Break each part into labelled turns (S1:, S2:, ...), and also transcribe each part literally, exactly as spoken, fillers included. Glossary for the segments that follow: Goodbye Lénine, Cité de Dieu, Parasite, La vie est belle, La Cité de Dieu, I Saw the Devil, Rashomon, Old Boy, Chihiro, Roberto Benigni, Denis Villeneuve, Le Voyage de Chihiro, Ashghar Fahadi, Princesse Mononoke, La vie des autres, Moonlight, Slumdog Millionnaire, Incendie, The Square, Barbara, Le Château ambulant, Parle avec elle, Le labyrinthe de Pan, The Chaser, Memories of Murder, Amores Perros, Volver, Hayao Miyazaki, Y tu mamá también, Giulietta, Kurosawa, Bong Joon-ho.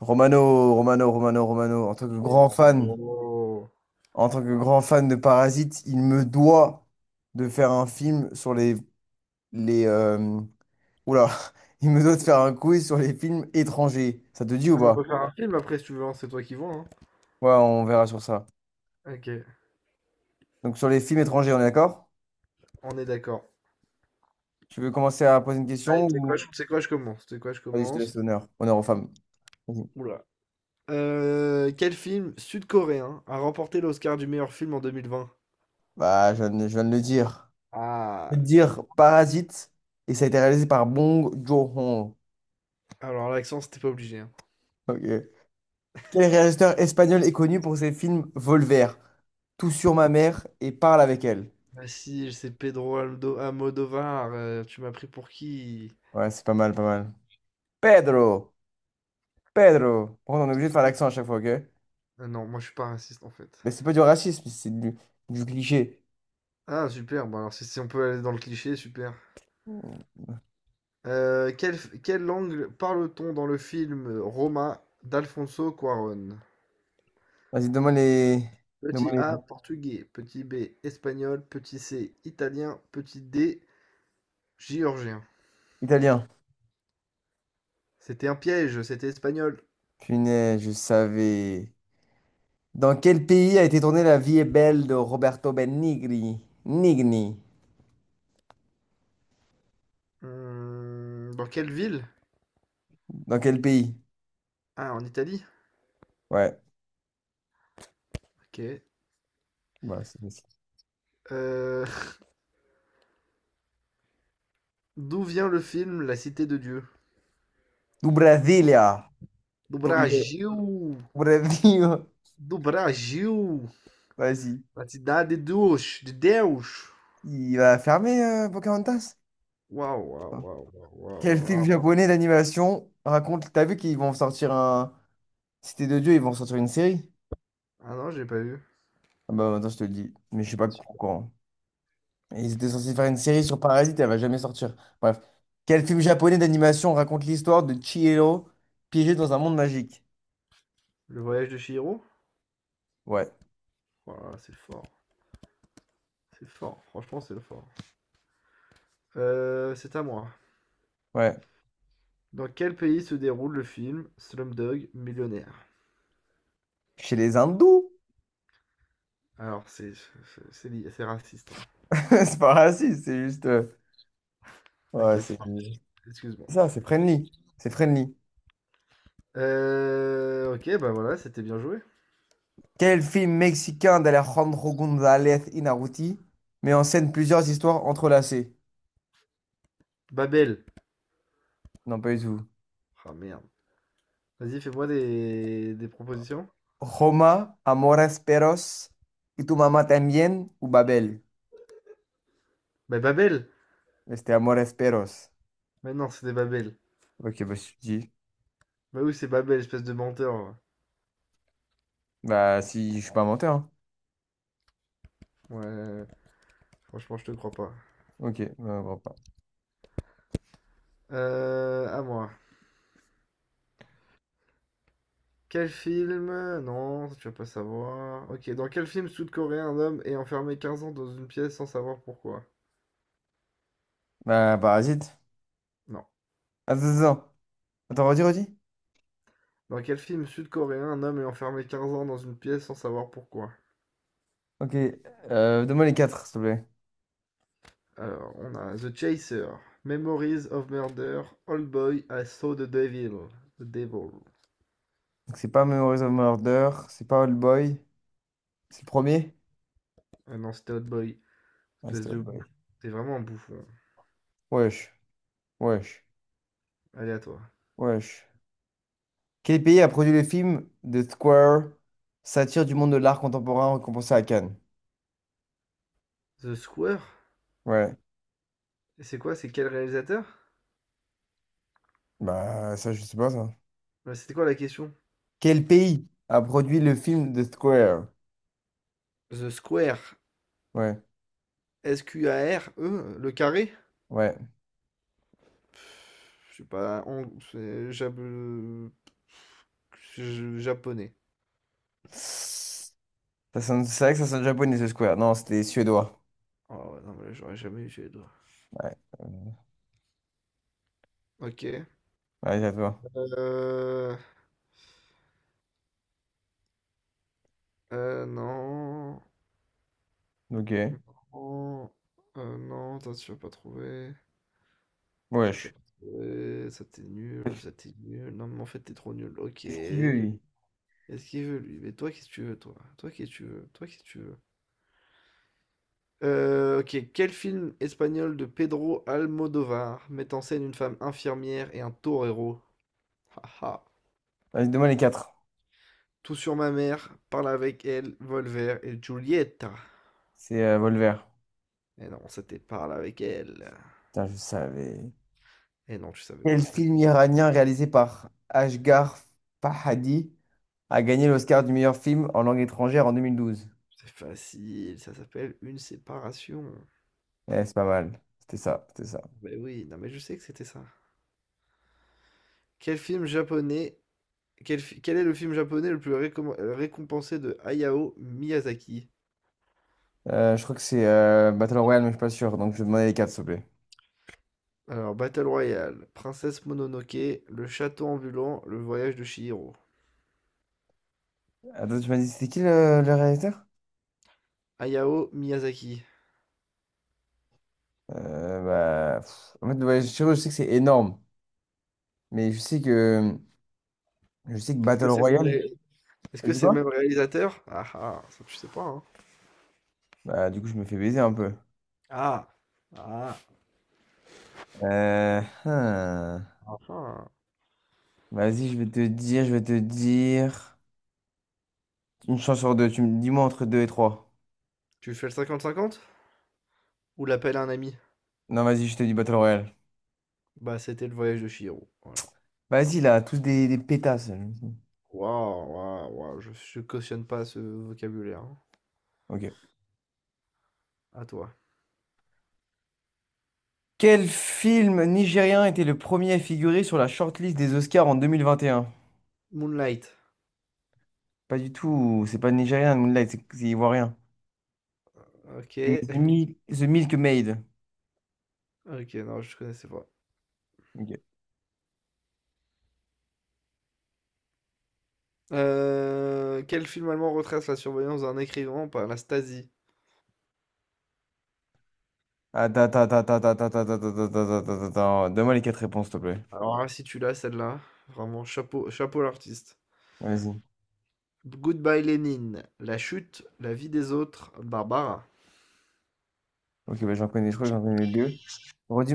S1: Romano, Romano, Romano, Romano, en tant que grand fan,
S2: Oh.
S1: en tant que grand fan de Parasite, il me doit de faire un film sur les, les euh, oula, il me doit de faire un quiz sur les films étrangers. Ça te dit ou
S2: Ah, mais on
S1: pas?
S2: peut faire un film après si tu veux, hein, c'est toi qui vois. hein.
S1: Ouais, on verra sur ça.
S2: Ok,
S1: Donc sur les films étrangers, on est d'accord?
S2: on est d'accord.
S1: Tu veux commencer à poser une
S2: Allez,
S1: question
S2: tu sais
S1: ou...
S2: quoi, je- tu sais quoi, je commence. Tu sais quoi, je
S1: Vas-y, je te laisse
S2: commence.
S1: l'honneur. Honneur aux femmes. Vas-y.
S2: Oula. Euh, quel film sud-coréen a remporté l'Oscar du meilleur film en deux mille vingt?
S1: Bah, je viens de, je viens de le dire. Je
S2: Ah,
S1: peux te dire Parasite et ça a été réalisé par Bong Joon-ho.
S2: alors l'accent, c'était pas obligé. hein.
S1: Ok. Quel réalisateur espagnol est connu pour ses films Volver, Tout sur ma mère et Parle avec elle?
S2: Bah si, c'est Pedro Aldo Almodovar. euh, tu m'as pris pour qui?
S1: Ouais, c'est pas mal, pas mal. Pedro, Pedro. Par contre, on est
S2: C'est
S1: obligé de
S2: qui?
S1: faire l'accent à chaque fois, ok?
S2: Ah non, moi je suis pas raciste en fait.
S1: Mais c'est pas du racisme, c'est du, du cliché.
S2: Ah, super, bon alors si, si on peut aller dans le cliché, super. Euh, quelle, quelle langue parle-t-on dans le film Roma d'Alfonso Cuarón?
S1: Vas-y, donne-moi les... donne-moi
S2: Petit
S1: les
S2: A, portugais. Petit B, espagnol. Petit C, italien. Petit D, géorgien.
S1: Italiens.
S2: C'était un piège, c'était espagnol.
S1: Punaise, je savais. Dans quel pays a été tournée La vie est belle de Roberto Benigni? Nigni.
S2: Hmm, dans quelle ville?
S1: Dans quel pays?
S2: Ah, en Italie?
S1: Ouais.
S2: Ok.
S1: Ouais, c'est facile.
S2: Euh, D'où vient le film La Cité de Dieu?
S1: Du Brasilia.
S2: Do
S1: Du Rio.
S2: Brasil!
S1: Brasil.
S2: Do Brasil!
S1: Vas-y.
S2: La Cidade de Deus! De Deus!
S1: Il va fermer euh, Pocahontas?
S2: Waouh, waouh,
S1: Enfin.
S2: waouh, waouh, waouh.
S1: Quel film
S2: waouh.
S1: japonais d'animation raconte... T'as vu qu'ils vont sortir un... Cité de Dieu, ils vont sortir une série?
S2: Ah non, j'ai pas vu.
S1: Ah bah attends, je te le dis, mais je sais pas
S2: Ah, si.
S1: pourquoi. Ils étaient censés faire une série sur Parasite, elle va jamais sortir. Bref. Quel film japonais d'animation raconte l'histoire de Chihiro piégé dans un monde magique?
S2: Le voyage de Chihiro.
S1: Ouais,
S2: Voilà, c'est fort. C'est fort. Franchement, c'est fort. Euh, c'est à moi.
S1: ouais.
S2: Dans quel pays se déroule le film Slumdog Millionnaire?
S1: Chez les hindous?
S2: Alors, c'est c'est- c'est raciste.
S1: C'est pas raciste, c'est juste... euh,
S2: Hein. Ok,
S1: Ouais,
S2: c'est-
S1: c'est...
S2: bon. Excuse-moi.
S1: Ça, c'est friendly. C'est friendly.
S2: Euh, ok, bah voilà, c'était bien joué.
S1: Quel film mexicain d'Alejandro González Inarritu met en scène plusieurs histoires entrelacées?
S2: Babel.
S1: Non, pas du tout.
S2: Ah merde. Vas-y, fais-moi des... des propositions.
S1: Roma, Amores Perros, Y tu mamá también, ou Babel?
S2: Bah Babel.
S1: Mais C'était Amores Perros.
S2: Mais non, c'est des Babel.
S1: Ok, bah si tu dis.
S2: Bah oui, c'est Babel, espèce de menteur.
S1: Bah si, je suis pas menteur, hein.
S2: Ouais, franchement, je te crois pas.
S1: Ok, bah, bon, bah,
S2: Euh, à moi. Quel film? Non, tu vas pas savoir. Ok, dans quel film sud-coréen un homme est enfermé quinze ans dans une pièce sans savoir pourquoi?
S1: bah, parasite.
S2: Non.
S1: Attends, attends, attends. Attends, redis, redis.
S2: Dans quel film sud-coréen un homme est enfermé quinze ans dans une pièce sans savoir pourquoi?
S1: Ok, euh, donne-moi les quatre, s'il te plaît.
S2: Alors, on a The Chaser, Memories of Murder, Old Boy, I Saw the Devil. The Devil.
S1: Donc c'est pas Memories of Murder, c'est pas Old Boy, c'est le premier?
S2: Ah non, c'était Old Boy.
S1: Ouais,
S2: Espèce
S1: c'était
S2: de
S1: Old Boy.
S2: bouffon. T'es vraiment un bouffon.
S1: Wesh, wesh,
S2: Allez à toi.
S1: wesh. Quel pays a produit le film The Square, satire du monde de l'art contemporain récompensé à Cannes?
S2: The Square?
S1: Ouais,
S2: Et c'est quoi? C'est quel réalisateur?
S1: bah ça je sais pas ça.
S2: Euh, C'était quoi la question?
S1: Quel pays a produit le film The Square?
S2: The Square.
S1: Ouais,
S2: S-Q-A-R-E? Le carré?
S1: ouais.
S2: Je sais pas, hong c'est jap heu, je japonais.
S1: Ça sonne- c'est vrai que ça sonne japonais The Square. Non, c'était suédois.
S2: Oh ouais, non, mais là, j'aurais jamais eu les doigts.
S1: Ouais, euh,
S2: OK.
S1: ouais, à toi.
S2: Euh heu, non,
S1: Ok,
S2: non, heu, non, ça tu vas pas trouver, ça tu
S1: wesh.
S2: vas pas trouver, ça t'es nul, ça t'es nul. Non, mais en fait, t'es trop nul. OK.
S1: Qu'est-ce qu'il veut lui?
S2: Qu'est-ce qu'il veut lui? Mais toi, qu'est-ce que tu veux toi? Toi, qu'est-ce que tu veux? Toi, qu'est-ce que tu veux? Euh OK, quel film espagnol de Pedro Almodovar met en scène une femme infirmière et un torero? Haha.
S1: Vas-y, donne-moi les quatre.
S2: Tout sur ma mère, parle avec elle, Volver et Giulietta.
S1: C'est euh, Volver.
S2: Et non, c'était parle avec elle.
S1: Putain, je savais.
S2: Et non, tu savais
S1: Quel
S2: pas.
S1: film iranien réalisé par Ashghar Fahadi a gagné l'Oscar du meilleur film en langue étrangère en deux mille douze.
S2: C'est facile, ça s'appelle une séparation.
S1: Eh, c'est pas mal. C'était ça, c'était ça.
S2: Mais oui, non mais je sais que c'était ça. Quel film japonais, quel, fi- quel est le film japonais le plus récom- euh, récompensé de Hayao Miyazaki?
S1: Euh, je crois que c'est euh, Battle Royale, mais je suis pas sûr. Donc je vais demander les quatre, s'il te plaît.
S2: Alors, Battle Royale, Princesse Mononoke, Le Château ambulant, Le Voyage de Chihiro.
S1: Attends, tu m'as dit, c'était qui le, le réalisateur?
S2: Hayao Miyazaki.
S1: Euh, Bah, pff, en fait, ouais, je sais je sais que c'est énorme. Mais je sais que, je sais que
S2: Est-ce que
S1: Battle
S2: c'est le nom
S1: Royale...
S2: Est-ce
S1: T'as
S2: que
S1: dit
S2: c'est le même
S1: quoi?
S2: réalisateur? Ah ah, ça tu sais pas, hein.
S1: Bah, du coup, je me fais baiser un peu.
S2: Ah! Ah!
S1: Euh, hein.
S2: Ah ah!
S1: Vas-y, je vais te dire, je vais te dire. Une chance sur deux. Tu me dis-moi entre deux et trois.
S2: Tu fais le cinquante cinquante ou l'appel à un ami?
S1: Non, vas-y, je te dis Battle Royale.
S2: Bah, c'était le voyage de Chihiro. Voilà.
S1: Vas-y, là, tous des, des pétasses.
S2: Waouh, waouh, waouh, je, je cautionne pas ce vocabulaire. Hein.
S1: Ok.
S2: À toi.
S1: Quel film nigérien était le premier à figurer sur la shortlist des Oscars en deux mille vingt et un.
S2: Moonlight.
S1: Pas du tout, c'est pas nigérien, Moonlight, c'est c'est ivoirien. C'est
S2: Ok.
S1: The Mil- The Milk Maid.
S2: Ok, non, je connaissais pas.
S1: Ok.
S2: Euh, quel film allemand retrace la surveillance d'un écrivain par la Stasi?
S1: Attends, attends, attends, attends, attends, attends, attends, attends, attends, attends, attends, attends. Donne-moi les quatre réponses, s'il te plaît.
S2: Alors là, si tu l'as, celle-là, vraiment chapeau, chapeau l'artiste.
S1: Vas-y.
S2: Goodbye Lénine. La chute, la vie des autres, Barbara.
S1: Ok, bah, j'en connais, je crois que j'en connais deux. Redis...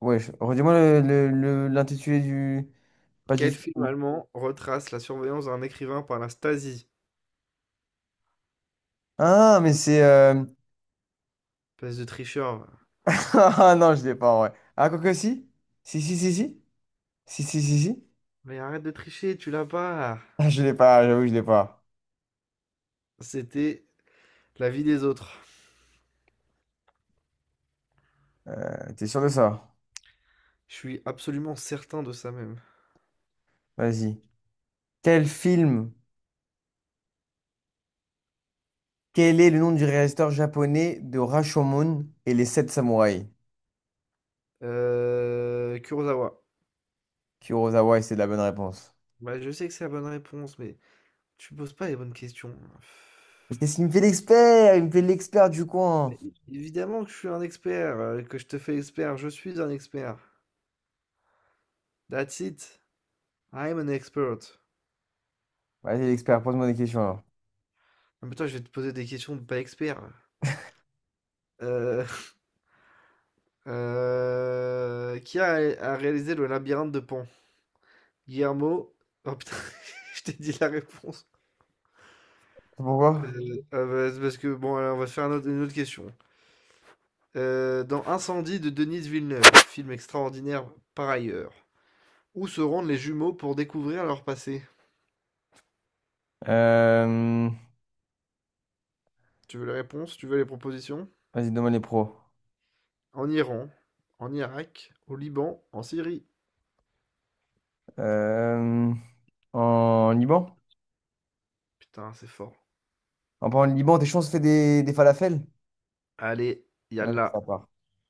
S1: Ouais, je- redis-moi le, le- le- l'intitulé du... Pas du
S2: Quel film
S1: film.
S2: allemand retrace la surveillance d'un écrivain par la Stasi?
S1: Ah, mais c'est... euh,
S2: Espèce de tricheur, va.
S1: Ah non, je l'ai pas, ouais. Ah, quoi que si? Si, si, si, si. Si, si, si, si.
S2: Mais arrête de tricher, tu l'as pas.
S1: Ah, je l'ai pas, j'avoue, que je l'ai pas.
S2: C'était La vie des autres.
S1: Euh, t'es sûr de ça?
S2: Je suis absolument certain de ça même.
S1: Vas-y. Quel film, quel est le nom du réalisateur japonais de Rashomon et les sept samouraïs?
S2: Euh, Kurosawa.
S1: Kurosawa, et c'est la bonne réponse.
S2: Bah, je sais que c'est la bonne réponse, mais tu poses pas les bonnes questions.
S1: Mais Qu'est-ce qu'il me fait l'expert? Il me fait l'expert du
S2: Mais
S1: coin.
S2: é- évidemment que je suis un expert, euh, que je te fais expert, je suis un expert. That's it. I'm an expert.
S1: Vas-y, l'expert, pose-moi des questions alors.
S2: Ah, mais toi, je vais te poser des questions de pas expert. Euh, Euh, qui a, A réalisé le labyrinthe de Pan? Guillermo. Oh putain, je t'ai dit la réponse.
S1: Pourquoi?
S2: Euh, ah bah, c'est parce que bon, alors, on va se faire un autre- une autre question. Euh, dans Incendie de Denis Villeneuve, film extraordinaire par ailleurs, où se rendent les jumeaux pour découvrir leur passé?
S1: Euh,
S2: Tu veux les réponses? Tu veux les propositions?
S1: Vas-y, demande les pros.
S2: En Iran, en Irak, au Liban, en Syrie.
S1: Euh, En Liban?
S2: Putain, c'est fort.
S1: Enfin, En parlant de Liban, tes chances fait des, des falafels?
S2: Allez,
S1: Ouais,
S2: yalla.
S1: ça part.